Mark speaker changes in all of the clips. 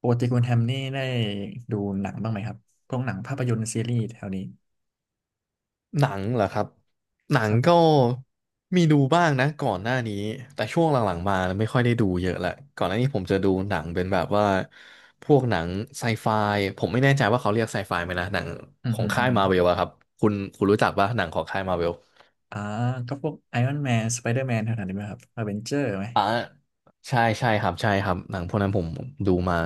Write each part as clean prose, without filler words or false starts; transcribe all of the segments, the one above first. Speaker 1: ปกติคุณแฮมนี่ได้ดูหนังบ้างไหมครับพวกหนังภาพยนตร์ซีรีส์แถวนี้
Speaker 2: หนังเหรอครับหนั
Speaker 1: ค
Speaker 2: ง
Speaker 1: รับผ
Speaker 2: ก็
Speaker 1: ม
Speaker 2: มีดูบ้างนะก่อนหน้านี้แต่ช่วงหลังๆมาไม่ค่อยได้ดูเยอะละก่อนหน้านี้ผมจะดูหนังเป็นแบบว่าพวกหนังไซไฟผมไม่แน่ใจว่าเขาเรียกไซไฟไหมนะหนัง
Speaker 1: อืม
Speaker 2: ขอ
Speaker 1: อื
Speaker 2: ง
Speaker 1: มอื
Speaker 2: ค่าย
Speaker 1: ม
Speaker 2: มาเวลอะครับคุณรู้จักป่ะหนังของค่ายมาเวล
Speaker 1: อ่าก็พวกไอรอนแมนสไปเดอร์แมนแถวๆนี้ไหมครับอเวนเจอร์ไหม
Speaker 2: อ่าใช่ใช่ครับใช่ครับหนังพวกนั้นผมดูมา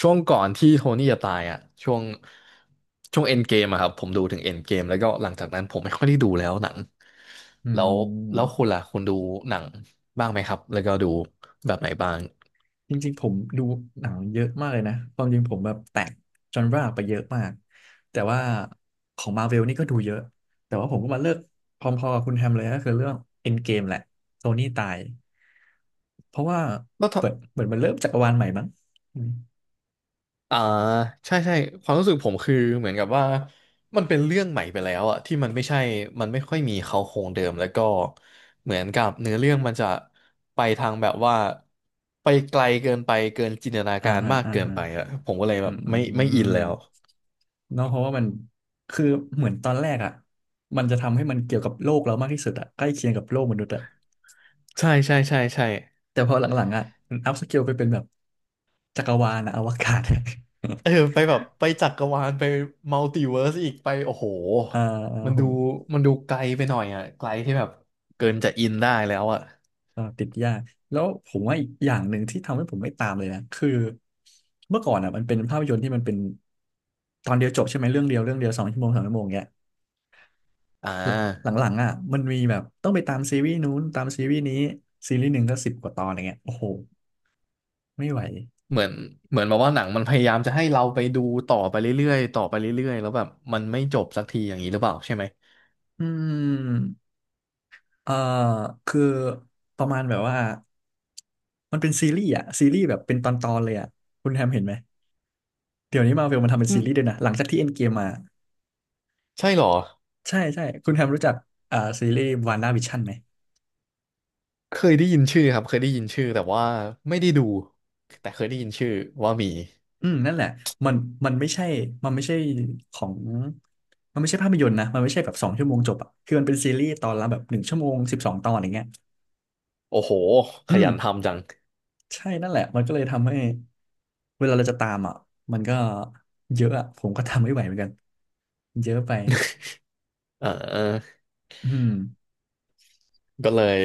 Speaker 2: ช่วงก่อนที่โทนี่จะตายอ่ะช่วงช่วงเอ็นเกมอะครับผมดูถึงเอ็นเกมแล้วก็หลังจากนั้นผมไม่ค่อยได้ดูแล้วหนัง
Speaker 1: อื
Speaker 2: แล้วแล้ว
Speaker 1: ม
Speaker 2: คุณล่ะคุณดูหนังบ้างไหมครับแล้วก็ดูแบบไหนบ้าง
Speaker 1: จริงๆผมดูหนังเยอะมากเลยนะความจริงผมแบบแตกจอนราไปเยอะมาก แต่ว่าของมาเวลนี่ก็ดูเยอะ แต่ว่าผมก็มาเลิกพร้อมๆกับคุณแฮมเลยก็คือเรื่องเอ็นเกมแหละโทนี่ตายเพราะว่า
Speaker 2: แล้ว
Speaker 1: เปิดเหมือนมันเริ่มจักรวาลใหม่มั้งอืม
Speaker 2: อ่าใช่ใช่ความรู้สึกผมคือเหมือนกับว่ามันเป็นเรื่องใหม่ไปแล้วอะที่มันไม่ใช่มันไม่ค่อยมีเขาโครงเดิมแล้วก็เหมือนกับเนื้อเรื่องมันจะไปทางแบบว่าไปไกลเกินไปเกินจินตนา
Speaker 1: อ่า
Speaker 2: การ
Speaker 1: ฮะ
Speaker 2: มาก
Speaker 1: อ่า
Speaker 2: เกิน
Speaker 1: ฮะ
Speaker 2: ไปอะผมก็เลย
Speaker 1: อื
Speaker 2: แบบไม่อิน
Speaker 1: ม
Speaker 2: แล้ว
Speaker 1: เนาะเพราะว่ามันคือเหมือนตอนแรกอ่ะมันจะทำให้มันเกี่ยวกับโลกเรามากที่สุดอ่ะใกล้เคียงกับโลกมนุษย์อ่ะ
Speaker 2: ใช่ใช่ใช่ใช่
Speaker 1: แต่พอหลังๆอ่ะอัพสเกลไปเป็นแบบจักรวาลอะอวกาศ
Speaker 2: เออไปแบบไปจักรวาลไปมัลติเวิร์สอีกไปโอ้โห
Speaker 1: อ่า อ่า
Speaker 2: มัน
Speaker 1: โห
Speaker 2: ดูมันดูไกลไปหน่อยอะไกลที่แบบเกินจะอินได้แล้วอะ
Speaker 1: อ่าติดยากแล้วผมว่าอีกอย่างหนึ่งที่ทำให้ผมไม่ตามเลยนะคือเมื่อก่อนอ่ะมันเป็นภาพยนตร์ที่มันเป็นตอนเดียวจบใช่ไหมเรื่องเดียวเรื่องเดียว2 ชั่วโมง 3 ชั่วโมงเงี้ย
Speaker 2: อ่า
Speaker 1: หลังๆอ่ะมันมีแบบต้องไปตามซีรีส์นู้นตามซีรีส์นี้ซีรีส์หนึ่งก็สิบกว่าตอนอย่างเงี้ยโอ้โห ไม่ไหว
Speaker 2: เหมือนเหมือนแบบว่าหนังมันพยายามจะให้เราไปดูต่อไปเรื่อยๆต่อไปเรื่อยๆแล้วแบบมันไม่จบสักทีอย่างนี้หรือเปล่าใช่ไหม
Speaker 1: อืมเอ่อคือประมาณแบบว่ามันเป็นซีรีส์อะซีรีส์แบบเป็นตอนๆ เลยอะคุณแฮมเห็นไหมเดี๋ยวนี้มาเวลมันทำเป็น
Speaker 2: อื
Speaker 1: ซี
Speaker 2: ม
Speaker 1: รีส์ด้วยนะหลังจากที่เอ็นเกมมา
Speaker 2: ใช่เหรอ
Speaker 1: ใช่ใช่คุณแฮมรู้จักซีรีส์วานด้าวิชั่นไหม
Speaker 2: เคยได้ยินชื่อครับเคยได้ยินชื่อแต่ว่าไม่ได้ดูแต่เคยได้ยินชื่อว่ามี
Speaker 1: อืมนั่นแหละมันมันไม่ใช่มันไม่ใช่ของมันไม่ใช่ภาพยนตร์นะมันไม่ใช่แบบสองชั่วโมงจบอะคือมันเป็นซีรีส์ตอนละแบบ1 ชั่วโมง 12 ตอนอย่างเงี้ย
Speaker 2: โอ้โหข
Speaker 1: อืม
Speaker 2: ยันทำจัง
Speaker 1: ใช่นั่นแหละมันก็เลยทำให้เวลาเราจะตามอ่ะมันก็เยอะอ่ะผมก็ทำไม่ไหวเหมือนกันเยอะไป
Speaker 2: เออ
Speaker 1: อืม
Speaker 2: ก็เลย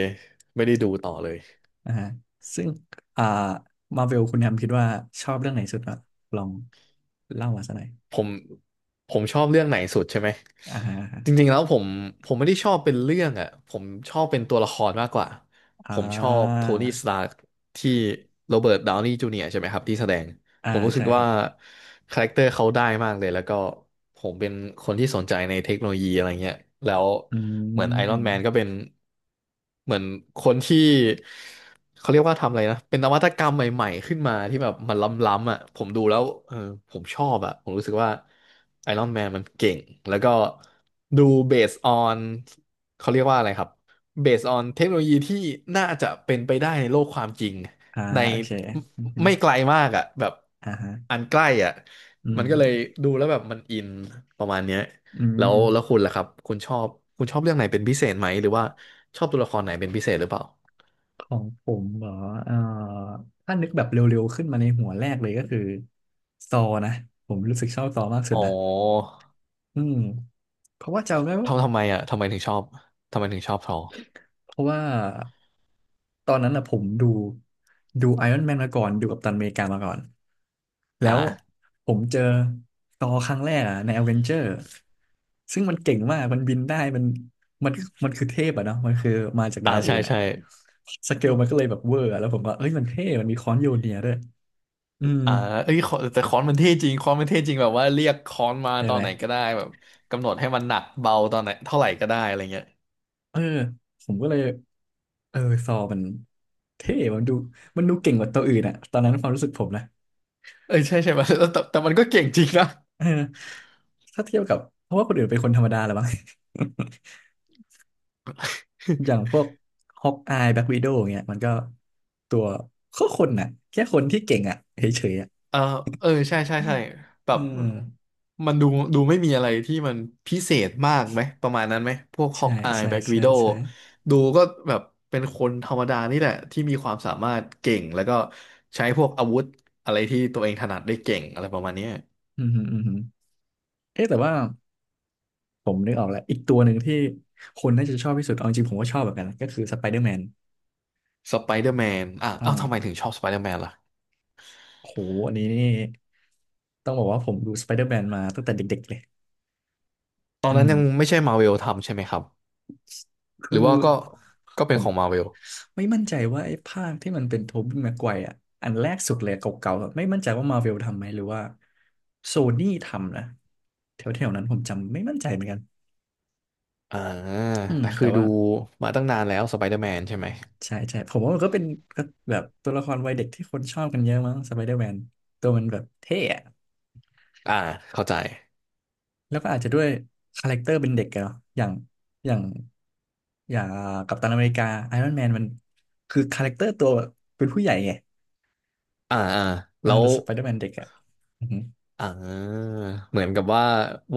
Speaker 2: ไม่ได้ดูต่อเลย
Speaker 1: อ่าฮะซึ่งอ่ามาเวลคุณแฮมคิดว่าชอบเรื่องไหนสุดอ่ะลองเล่ามาสักหน่อย
Speaker 2: ผมผมชอบเรื่องไหนสุดใช่ไหม
Speaker 1: อ่าฮะ
Speaker 2: จริงๆแล้วผมไม่ได้ชอบเป็นเรื่องอ่ะผมชอบเป็นตัวละครมากกว่า
Speaker 1: อ่า
Speaker 2: ผมชอบโทนี่สตาร์ที่โรเบิร์ตดาวนีย์จูเนียร์ใช่ไหมครับที่แสดง
Speaker 1: อ่า
Speaker 2: ผมรู้สึ
Speaker 1: ใช่
Speaker 2: ก
Speaker 1: ค
Speaker 2: ว่า
Speaker 1: รับ
Speaker 2: คาแรคเตอร์เขาได้มากเลยแล้วก็ผมเป็นคนที่สนใจในเทคโนโลยีอะไรเงี้ยแล้ว
Speaker 1: อื
Speaker 2: เหมือนไอรอนแมนก็
Speaker 1: ม
Speaker 2: เป็นเหมือนคนที่เขาเรียกว่าทำอะไรนะเป็นนวัตกรรมใหม่ๆขึ้นมาที่แบบมันล้ำๆอ่ะผมดูแล้วเออผมชอบอ่ะผมรู้สึกว่าไอรอนแมนมันเก่งแล้วก็ดูเบสออนเขาเรียกว่าอะไรครับเบสออนเทคโนโลยีที่น่าจะเป็นไปได้ในโลกความจริง
Speaker 1: อ่า
Speaker 2: ใน
Speaker 1: โอเคอือฮึ
Speaker 2: ไม่ไกลมากอ่ะแบบ
Speaker 1: อ่าฮะ
Speaker 2: อันใกล้อ่ะ
Speaker 1: อื
Speaker 2: มันก็เลย
Speaker 1: ม
Speaker 2: ดูแล้วแบบมันอินประมาณเนี้ย
Speaker 1: อื
Speaker 2: แล้
Speaker 1: ม
Speaker 2: วแล้วคุณล่ะครับคุณชอบเรื่องไหนเป็นพิเศษไหมหรือว่าชอบตัวละครไหนเป็นพิเศษหรือเปล่า
Speaker 1: ของผมเหรอเอ่อถ้านึกแบบเร็วๆ ขึ้นมาในหัวแรกเลยก็คือซอนะ ผมรู้สึกชอบซอมากสุด
Speaker 2: อ๋อ
Speaker 1: นะอืมเพราะว่าจำได้ว่า
Speaker 2: ทำไมอ่ะทำไมถึงชอบทำไมถึงชอบทอ
Speaker 1: เพราะว่าตอนนั้นนะผมดูไอรอนแมนมาก่อนดูกัปตันอเมริกามาก่อนแล้ว
Speaker 2: อ่า
Speaker 1: ผมเจอซอครั้งแรกอะในอเวนเจอร์ซึ่งมันเก่งมากมันบินได้มันมันคือเทพอะเนาะมันคือมาจาก
Speaker 2: อ่า
Speaker 1: ดาวอื่
Speaker 2: ใช่
Speaker 1: นอะ
Speaker 2: ใช่
Speaker 1: สเกลมันก็เลยแบบเวอร์อะแล้วผมก็เอ้ยมันเท่มันมีค้อนโยเนียด้วยอืม
Speaker 2: อ่าเอ้ยขอแต่ค้อนมันเท่จริงค้อนมันเท่จริงแบบว่าเรียกค้อนมา
Speaker 1: ใช่
Speaker 2: ตอ
Speaker 1: ไห
Speaker 2: น
Speaker 1: ม
Speaker 2: ไหนก็ได้แบบกำหนดให้มันหนักเบาตอนไหนเท่าไหร่ก็ได้อะไรเงี้ย
Speaker 1: เออผมก็เลยเออซอมันเท่มันดูเก่งกว่าตัวอื่นอะตอนนั้นความรู้สึกผมนะ
Speaker 2: เออใช่ใช่ ไหมแต่มันก็เก่งจริงนะ
Speaker 1: เออถ้าเทียบกับ เพราะว่าคนอื่นเป็นคนธรรมดาแหละวบ้าง อย่างพวกฮอกอายแบ็ควิโดว์เงี้ยมันก็ตัวก็คนน่ะแค่คนที่เก่งอะเฉยๆอะ
Speaker 2: เออ เออ ใช่ใช่ใช่แบ
Speaker 1: เอ
Speaker 2: บ
Speaker 1: อ
Speaker 2: มันดู ดูไม่มีอะไรที่มัน พิเศษมากไหม ประมาณนั้นไหม พวกฮอ
Speaker 1: ใช่
Speaker 2: กอาย
Speaker 1: ใช่
Speaker 2: แบ็กวี
Speaker 1: ใช่
Speaker 2: โด
Speaker 1: ใช่
Speaker 2: ดูก็แบบ เป็นคนธรรมดานี่แหละ ที่มีความสามารถเก่ง แล้วก็ ใช้พวกอาวุธ อะไรที่ตัวเองถนัดได้เก่ง อะไรประมาณเนี้ย
Speaker 1: อืมฮึอืมฮึเอ๊ะแต่ว่าผมนึกออกแล้ว อีกตัวหนึ่งที่คนน่าจะชอบที่สุดเอาจริงๆผมก็ชอบเหมือนกันนะก็คือสไปเดอร์แมน
Speaker 2: สไปเดอร์แมนอ่ะเอ้าทำไมถึงชอบสไปเดอร์แมนล่ะ
Speaker 1: โหอันนี้นี่ต้องบอกว่าผมดูสไปเดอร์แมนมาตั้งแต่เด็กๆเลย
Speaker 2: ตอ
Speaker 1: อื
Speaker 2: นนั้น
Speaker 1: ม
Speaker 2: ยังไม่ใช่มาเวลทำใช่ไหมครับห
Speaker 1: คื
Speaker 2: รือ
Speaker 1: อ
Speaker 2: ว่าก็ก็
Speaker 1: ผ
Speaker 2: เป็น
Speaker 1: ม
Speaker 2: ของมาเวล
Speaker 1: ไม่มั่นใจว่าไอ้ภาคที่มันเป็นโทบี้แม็กไกวร์อ่ะอันแรกสุดเลยเก่าๆอะไม่มั่นใจว่ามาเวลทำไหมหรือว่าโซนี่ทำนะแถวๆนั้นผมจำไม่มั่นใจเหมือนกัน
Speaker 2: อ่า
Speaker 1: อืม
Speaker 2: แต่คื
Speaker 1: แต่
Speaker 2: อดู
Speaker 1: ว่า
Speaker 2: มาตั้งนานแล้วสไปเดอร์แมนใช่ไหม
Speaker 1: ใช่ใช่ผมว่ามันก็เป็นก็แบบตัวละครวัยเด็กที่คนชอบกันเยอะมั้งสไปเดอร์แมนตัวมันแบบเท่อะ
Speaker 2: อ่าเข้าใจ
Speaker 1: แล้วก็อาจจะด้วยคาแรคเตอร์เป็นเด็กอะเนาะอย่าง อย่างอ่ากัปตันอเมริกาไอรอนแมนมันคือคาแรคเตอร์ตัวเป็นผู้ใหญ่ไง
Speaker 2: อ่าอ่า
Speaker 1: อ่า
Speaker 2: แล้ว
Speaker 1: แต่สไปเดอร์แมนเด็กอ่ะอือฮึอ
Speaker 2: อ่าเหมือนกับว่า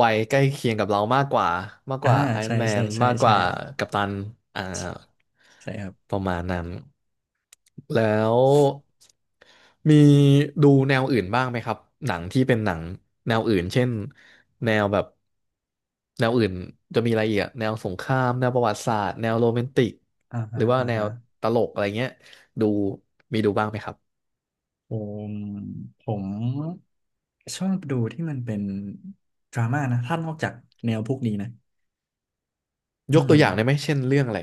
Speaker 2: วัยใกล้เคียงกับเรามากกว่ามากก
Speaker 1: ่า
Speaker 2: ว่าไอรอ
Speaker 1: ใช่
Speaker 2: นแม
Speaker 1: ใช่
Speaker 2: น
Speaker 1: ใช่
Speaker 2: มากก
Speaker 1: ใช่
Speaker 2: ว่ากัปตันอ่า
Speaker 1: ใช่ครับ
Speaker 2: ประมาณนั้นแล้วมีดูแนวอื่นบ้างไหมครับหนังที่เป็นหนังแนวอื่นเช่นแนวแบบแนวอื่นจะมีอะไรอีกอะแนวสงครามแนวประวัติศาสตร์แนวโรแมนติก
Speaker 1: อ่า
Speaker 2: ห
Speaker 1: ฮะ
Speaker 2: รือว่า
Speaker 1: อ่า
Speaker 2: แน
Speaker 1: ฮะ
Speaker 2: วตลกอะไรเงี้ยดูมีดูบ้างไหมครับ
Speaker 1: ผมผมชอบดูที่มันเป็นดราม่านะถ้านอกจากแนวพวกนี้นะ
Speaker 2: ย
Speaker 1: อื
Speaker 2: กตั
Speaker 1: ม
Speaker 2: วอย่างได้ไหมเช่นเรื่องอะไร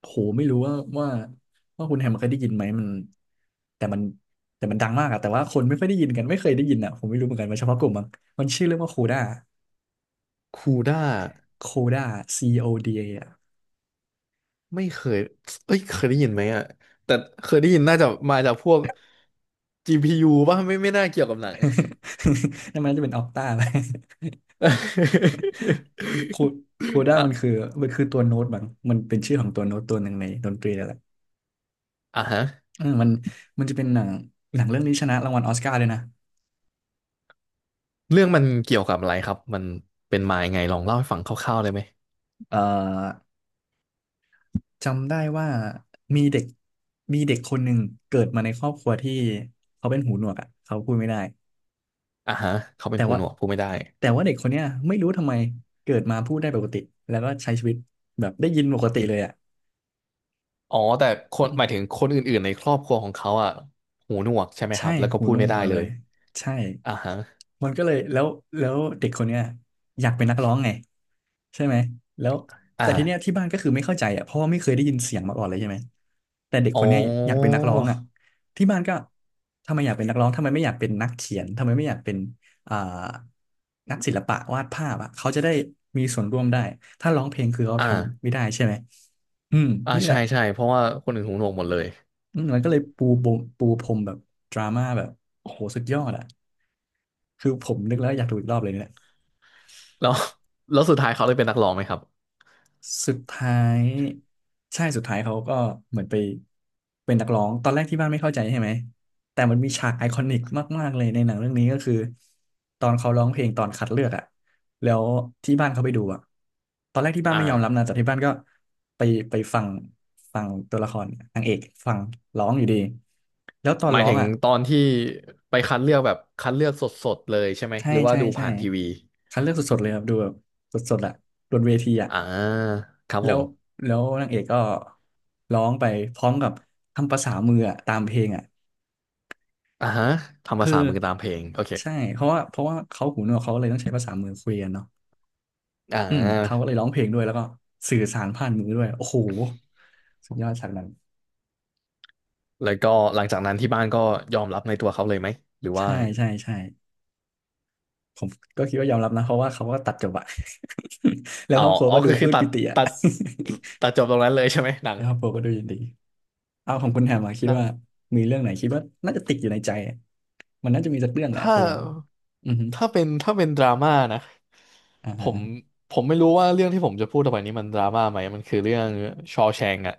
Speaker 1: โหไม่รู้ว่าว่าคุณแฮมเคยได้ยินไหมมันแต่มันแต่มันดังมากอะแต่ว่าคนไม่ค่อยได้ยินกันไม่เคยได้ยินอะผมไม่รู้เหมือนกันมันเฉพาะกลุ่มมั้งมันชื่อเรื่องว่าโคด้า
Speaker 2: คูด้า
Speaker 1: โคด้า CODA
Speaker 2: ไม่เคยเอ้ยเคยได้ยินไหมอ่ะแต่เคยได้ยินน่าจะมาจากพวก GPU ป่ะไม่น่าเกี่ยวกับหนัง
Speaker 1: นั่นมันน่าจะเป็นออกต้าอะ ไรคูคู ด้า
Speaker 2: อ่ะ
Speaker 1: มันคือมันคือตัวโน้ตบางมันเป็นชื่อของตัวโน้ตตัวหนึ่งในดนตรีนั่นแหละ
Speaker 2: อ่ะฮะ
Speaker 1: เออมันจะเป็นหนังหนังเรื่องนี้ชนะรางวัลออสการ์ด้วยนะ
Speaker 2: เรื่องมันเกี่ยวกับอะไรครับมันเป็นมายังไงลองเล่าให้ฟังคร่าวๆได้ไหม
Speaker 1: เอ่อจำได้ว่ามีเด็กมีเด็กคนหนึ่งเกิดมาในครอบครัวที่เขาเป็นหูหนวกอ่ะเขาพูดไม่ได้
Speaker 2: อ่ะฮะเขาเป็
Speaker 1: แต่
Speaker 2: นหู
Speaker 1: ว่า
Speaker 2: หนวกพูดไม่ได้
Speaker 1: แต่ว่าเด็กคนเนี้ยไม่รู้ทำไมเกิดมาพูดได้ปกติแล้วก็ใช้ชีวิตแบบได้ยินปกติเลยอ่ะ
Speaker 2: อ๋อแต่คนหมายถึงคนอื่นๆในครอบครัวของเขาอ่ะหูหนวกใช่ไหมค
Speaker 1: ใช่
Speaker 2: รับแล้วก็
Speaker 1: คู
Speaker 2: พูด
Speaker 1: โน่
Speaker 2: ไม่ได้
Speaker 1: มา
Speaker 2: เล
Speaker 1: เลย
Speaker 2: ย
Speaker 1: ใช่
Speaker 2: อ่ะฮะ
Speaker 1: มันก็เลยแล้วเด็กคนเนี้ยอยากเป็นนักร้องไงใช่ไหมแล้วแต่ทีเนี้ย
Speaker 2: อ่า
Speaker 1: ที่บ้านก็คือไม่เข้าใจอ่ะเพราะว่าไม่เคยได้ยินเสียงมาก่อนเลยใช่ไหมแต่เด็ก
Speaker 2: อ๋
Speaker 1: คนเนี้ยอยากเป็น
Speaker 2: อ
Speaker 1: นักร้องอ่ะที่บ้านก็ทำไมอยากเป็นนักร้องทำไมไม่อยากเป็นนักเขียนทำไมไม่อยากเป็นอ่านักศิลปะวาดภาพอ่ะเขาจะได้มีส่วนร่วมได้ถ้าร้องเพลงคือเขาทำ
Speaker 2: อ่า
Speaker 1: ไม่ได้ใช่ไหมอืม
Speaker 2: อ่า
Speaker 1: นี่แห
Speaker 2: ใช่
Speaker 1: ละ
Speaker 2: ใช่เพราะว่าคนอื่นหูหนวกหมดเลย
Speaker 1: อืมมันก็เลยปูบมปูพรมแบบดราม่าแบบโอ้โหสุดยอดอ่ะ คือผมนึกแล้วอยากดูอีกรอบเลยเนี่ย
Speaker 2: แล้ว แล้วสุดท้ายเขาได้เป็นนักร้องไหมครับ
Speaker 1: สุดท้ายใช่สุดท้ายเขาก็เหมือนไปเป็นนักร้องตอนแรกที่บ้านไม่เข้าใจใช่ไหมแต่มันมีฉากไอคอนิกมากๆเลยในหนังเรื่องนี้ก็คือตอนเขาร้องเพลงตอนคัดเลือกอะแล้วที่บ้านเขาไปดูอะตอนแรกที่บ้าน
Speaker 2: อ่า
Speaker 1: ไม่ยอมรับนะแต่ที่บ้านก็ไปไปฟังฟังตัวละครนางเอกฟังร้องอยู่ดีแล้วตอน
Speaker 2: หมาย
Speaker 1: ร้อง
Speaker 2: ถึง
Speaker 1: อะ
Speaker 2: ตอนที่ไปคัดเลือกแบบคัดเลือกสดๆเลยใช่ไหม
Speaker 1: ใช่
Speaker 2: หรือว่า
Speaker 1: ใช่
Speaker 2: ดู
Speaker 1: ใช่
Speaker 2: ผ่านทีวี
Speaker 1: คัดเลือกสดๆเลยครับดูแบบสดๆอะบนเวทีอะ
Speaker 2: อ่าครับ
Speaker 1: แล้
Speaker 2: ผ
Speaker 1: ว
Speaker 2: ม
Speaker 1: แล้วนางเอกก็ร้องไปพร้อมกับทำภาษามืออะตามเพลงอ่ะ
Speaker 2: อ่าฮะทำ
Speaker 1: คื
Speaker 2: ภา
Speaker 1: อ
Speaker 2: ษามือตามเพลงโอเค
Speaker 1: ใช่เพราะว่าเขาหูหนวกเขาเลยต้องใช้ภาษามือคุยกันเนาะ
Speaker 2: อ่
Speaker 1: อืมเขาก็
Speaker 2: า
Speaker 1: เลยร้องเพลงด้วยแล้วก็สื่อสารผ่านมือด้วยโอ้โหสุดยอดฉากนั้น
Speaker 2: แล้วก็หลังจากนั้นที่บ้านก็ยอมรับในตัวเขาเลยไหมหรือว่า
Speaker 1: ใช่ใช่ใช่ผมก็คิดว่ายอมรับนะเพราะว่าเขาก็ตัดจบอะ แล้ว
Speaker 2: เอา
Speaker 1: ครอบครัว
Speaker 2: อ๋อ
Speaker 1: ก็ดู
Speaker 2: ก็
Speaker 1: ป
Speaker 2: คือ
Speaker 1: ลื้มปิติอะ
Speaker 2: ตัดตัดจบตรงนั้นเลยใช่ไหมหนั ง
Speaker 1: แล้วครอบครัวก็ดูยินดีเอาของคุณ แฮ
Speaker 2: อ๋อ
Speaker 1: มมาคิ
Speaker 2: ห
Speaker 1: ด
Speaker 2: นัง
Speaker 1: ว่ามีเรื่องไหนคิดว่าน่าจะติดอยู่ในใจอะมันน่าจะมีสักเรื่องแหละ
Speaker 2: ถ้า
Speaker 1: คนเราอือฮึ
Speaker 2: ถ้าเป็นดราม่านะ
Speaker 1: อ่
Speaker 2: ผม
Speaker 1: า
Speaker 2: ผมไม่รู้ว่าเรื่องที่ผมจะพูดต่อไปนี้มันดราม่าไหมมันคือเรื่องชอ w แชง k อะ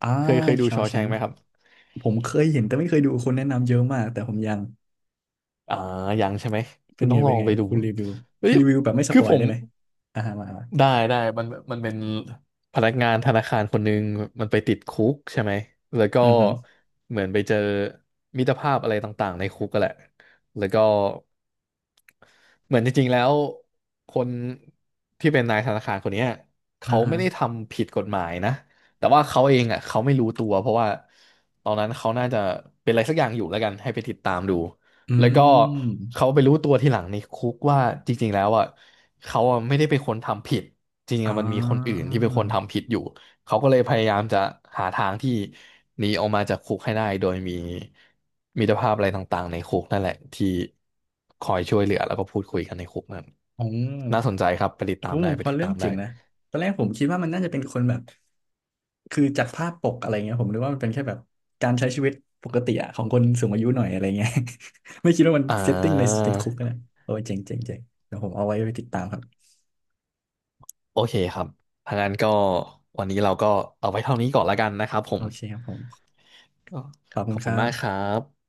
Speaker 1: อ่า
Speaker 2: เคยดู
Speaker 1: ชอ
Speaker 2: ชอ w
Speaker 1: แช
Speaker 2: แชง k
Speaker 1: ง
Speaker 2: ไห
Speaker 1: ค์
Speaker 2: มครับ
Speaker 1: ผมเคยเห็นแต่ไม่เคยดูคนแนะนำเยอะมากแต่ผมยัง
Speaker 2: อ่ายังใช่ไหม
Speaker 1: เป็
Speaker 2: คุ
Speaker 1: น
Speaker 2: ณ
Speaker 1: ไง
Speaker 2: ต้องล
Speaker 1: เป็
Speaker 2: อ
Speaker 1: น
Speaker 2: ง
Speaker 1: ไง
Speaker 2: ไปดู
Speaker 1: คุณรีวิว
Speaker 2: เฮ้ย
Speaker 1: รีวิวแบบไม่ส
Speaker 2: คื
Speaker 1: ป
Speaker 2: อ
Speaker 1: อย
Speaker 2: ผม
Speaker 1: ได้ไหมอ่าฮะมามา
Speaker 2: ได้ได้มันมันเป็นพนักงานธนาคารคนหนึ่งมันไปติดคุกใช่ไหมแล้วก็
Speaker 1: อือฮึ
Speaker 2: เหมือนไปเจอมิตรภาพอะไรต่างๆในคุกก็แหละแล้วก็เหมือนจริงๆแล้วคนที่เป็นนายธนาคารคนเนี้ย
Speaker 1: อ่า
Speaker 2: เขา
Speaker 1: ฮะ
Speaker 2: ไม่ได้ทำผิดกฎหมายนะแต่ว่าเขาเองอ่ะเขาไม่รู้ตัวเพราะว่าตอนนั้นเขาน่าจะเป็นอะไรสักอย่างอยู่แล้วกันให้ไปติดตามดู
Speaker 1: อื
Speaker 2: แล้วก็เขา
Speaker 1: ม
Speaker 2: ไปรู้ตัวทีหลังในคุกว่าจริงๆแล้วอ่ะเขาอะไม่ได้เป็นคนทำผิดจริงๆ
Speaker 1: อ่
Speaker 2: อะมันมีคนอื่น
Speaker 1: า
Speaker 2: ที่เป็นคนทำผิดอยู่เขาก็เลยพยายามจะหาทางที่หนีออกมาจากคุกให้ได้โดยมีมิตรภาพอะไรต่างๆในคุกนั่นแหละที่คอยช่วยเหลือแล้วก็พูดคุยกันในคุกนั่น
Speaker 1: อ๋อ
Speaker 2: น่าสนใจครับไปติดตา
Speaker 1: โอ้
Speaker 2: มได้ไป
Speaker 1: พอ
Speaker 2: ติด
Speaker 1: เรื่อ
Speaker 2: ตา
Speaker 1: ง
Speaker 2: ม
Speaker 1: เจ๋
Speaker 2: ได้
Speaker 1: งนะตอนแรกผมคิดว่ามันน่าจะเป็นคนแบบคือจากภาพปกอะไรเงี้ยผมนึกว่ามันเป็นแค่แบบการใช้ชีวิตปกติอะของคนสูงอายุหน่อยอะไรเงี้ย ไม่คิดว่ามัน
Speaker 2: อ่
Speaker 1: เซตติ้งในติดคุก
Speaker 2: า
Speaker 1: นะโอ้ยเจ๋งเจ๋งเจ๋งเดี๋ยวผมเอาไว้ไปติดตามครับ
Speaker 2: โอเคครับทางนั้นก็วันนี้เราก็เอาไว้เท่านี้ก่อนละกันนะครับผ
Speaker 1: โอ
Speaker 2: ม
Speaker 1: เคครับผม
Speaker 2: ก็
Speaker 1: ขอบ
Speaker 2: ข
Speaker 1: คุณ
Speaker 2: อบ
Speaker 1: ค
Speaker 2: คุ
Speaker 1: รั
Speaker 2: ณ
Speaker 1: บ
Speaker 2: มากครับ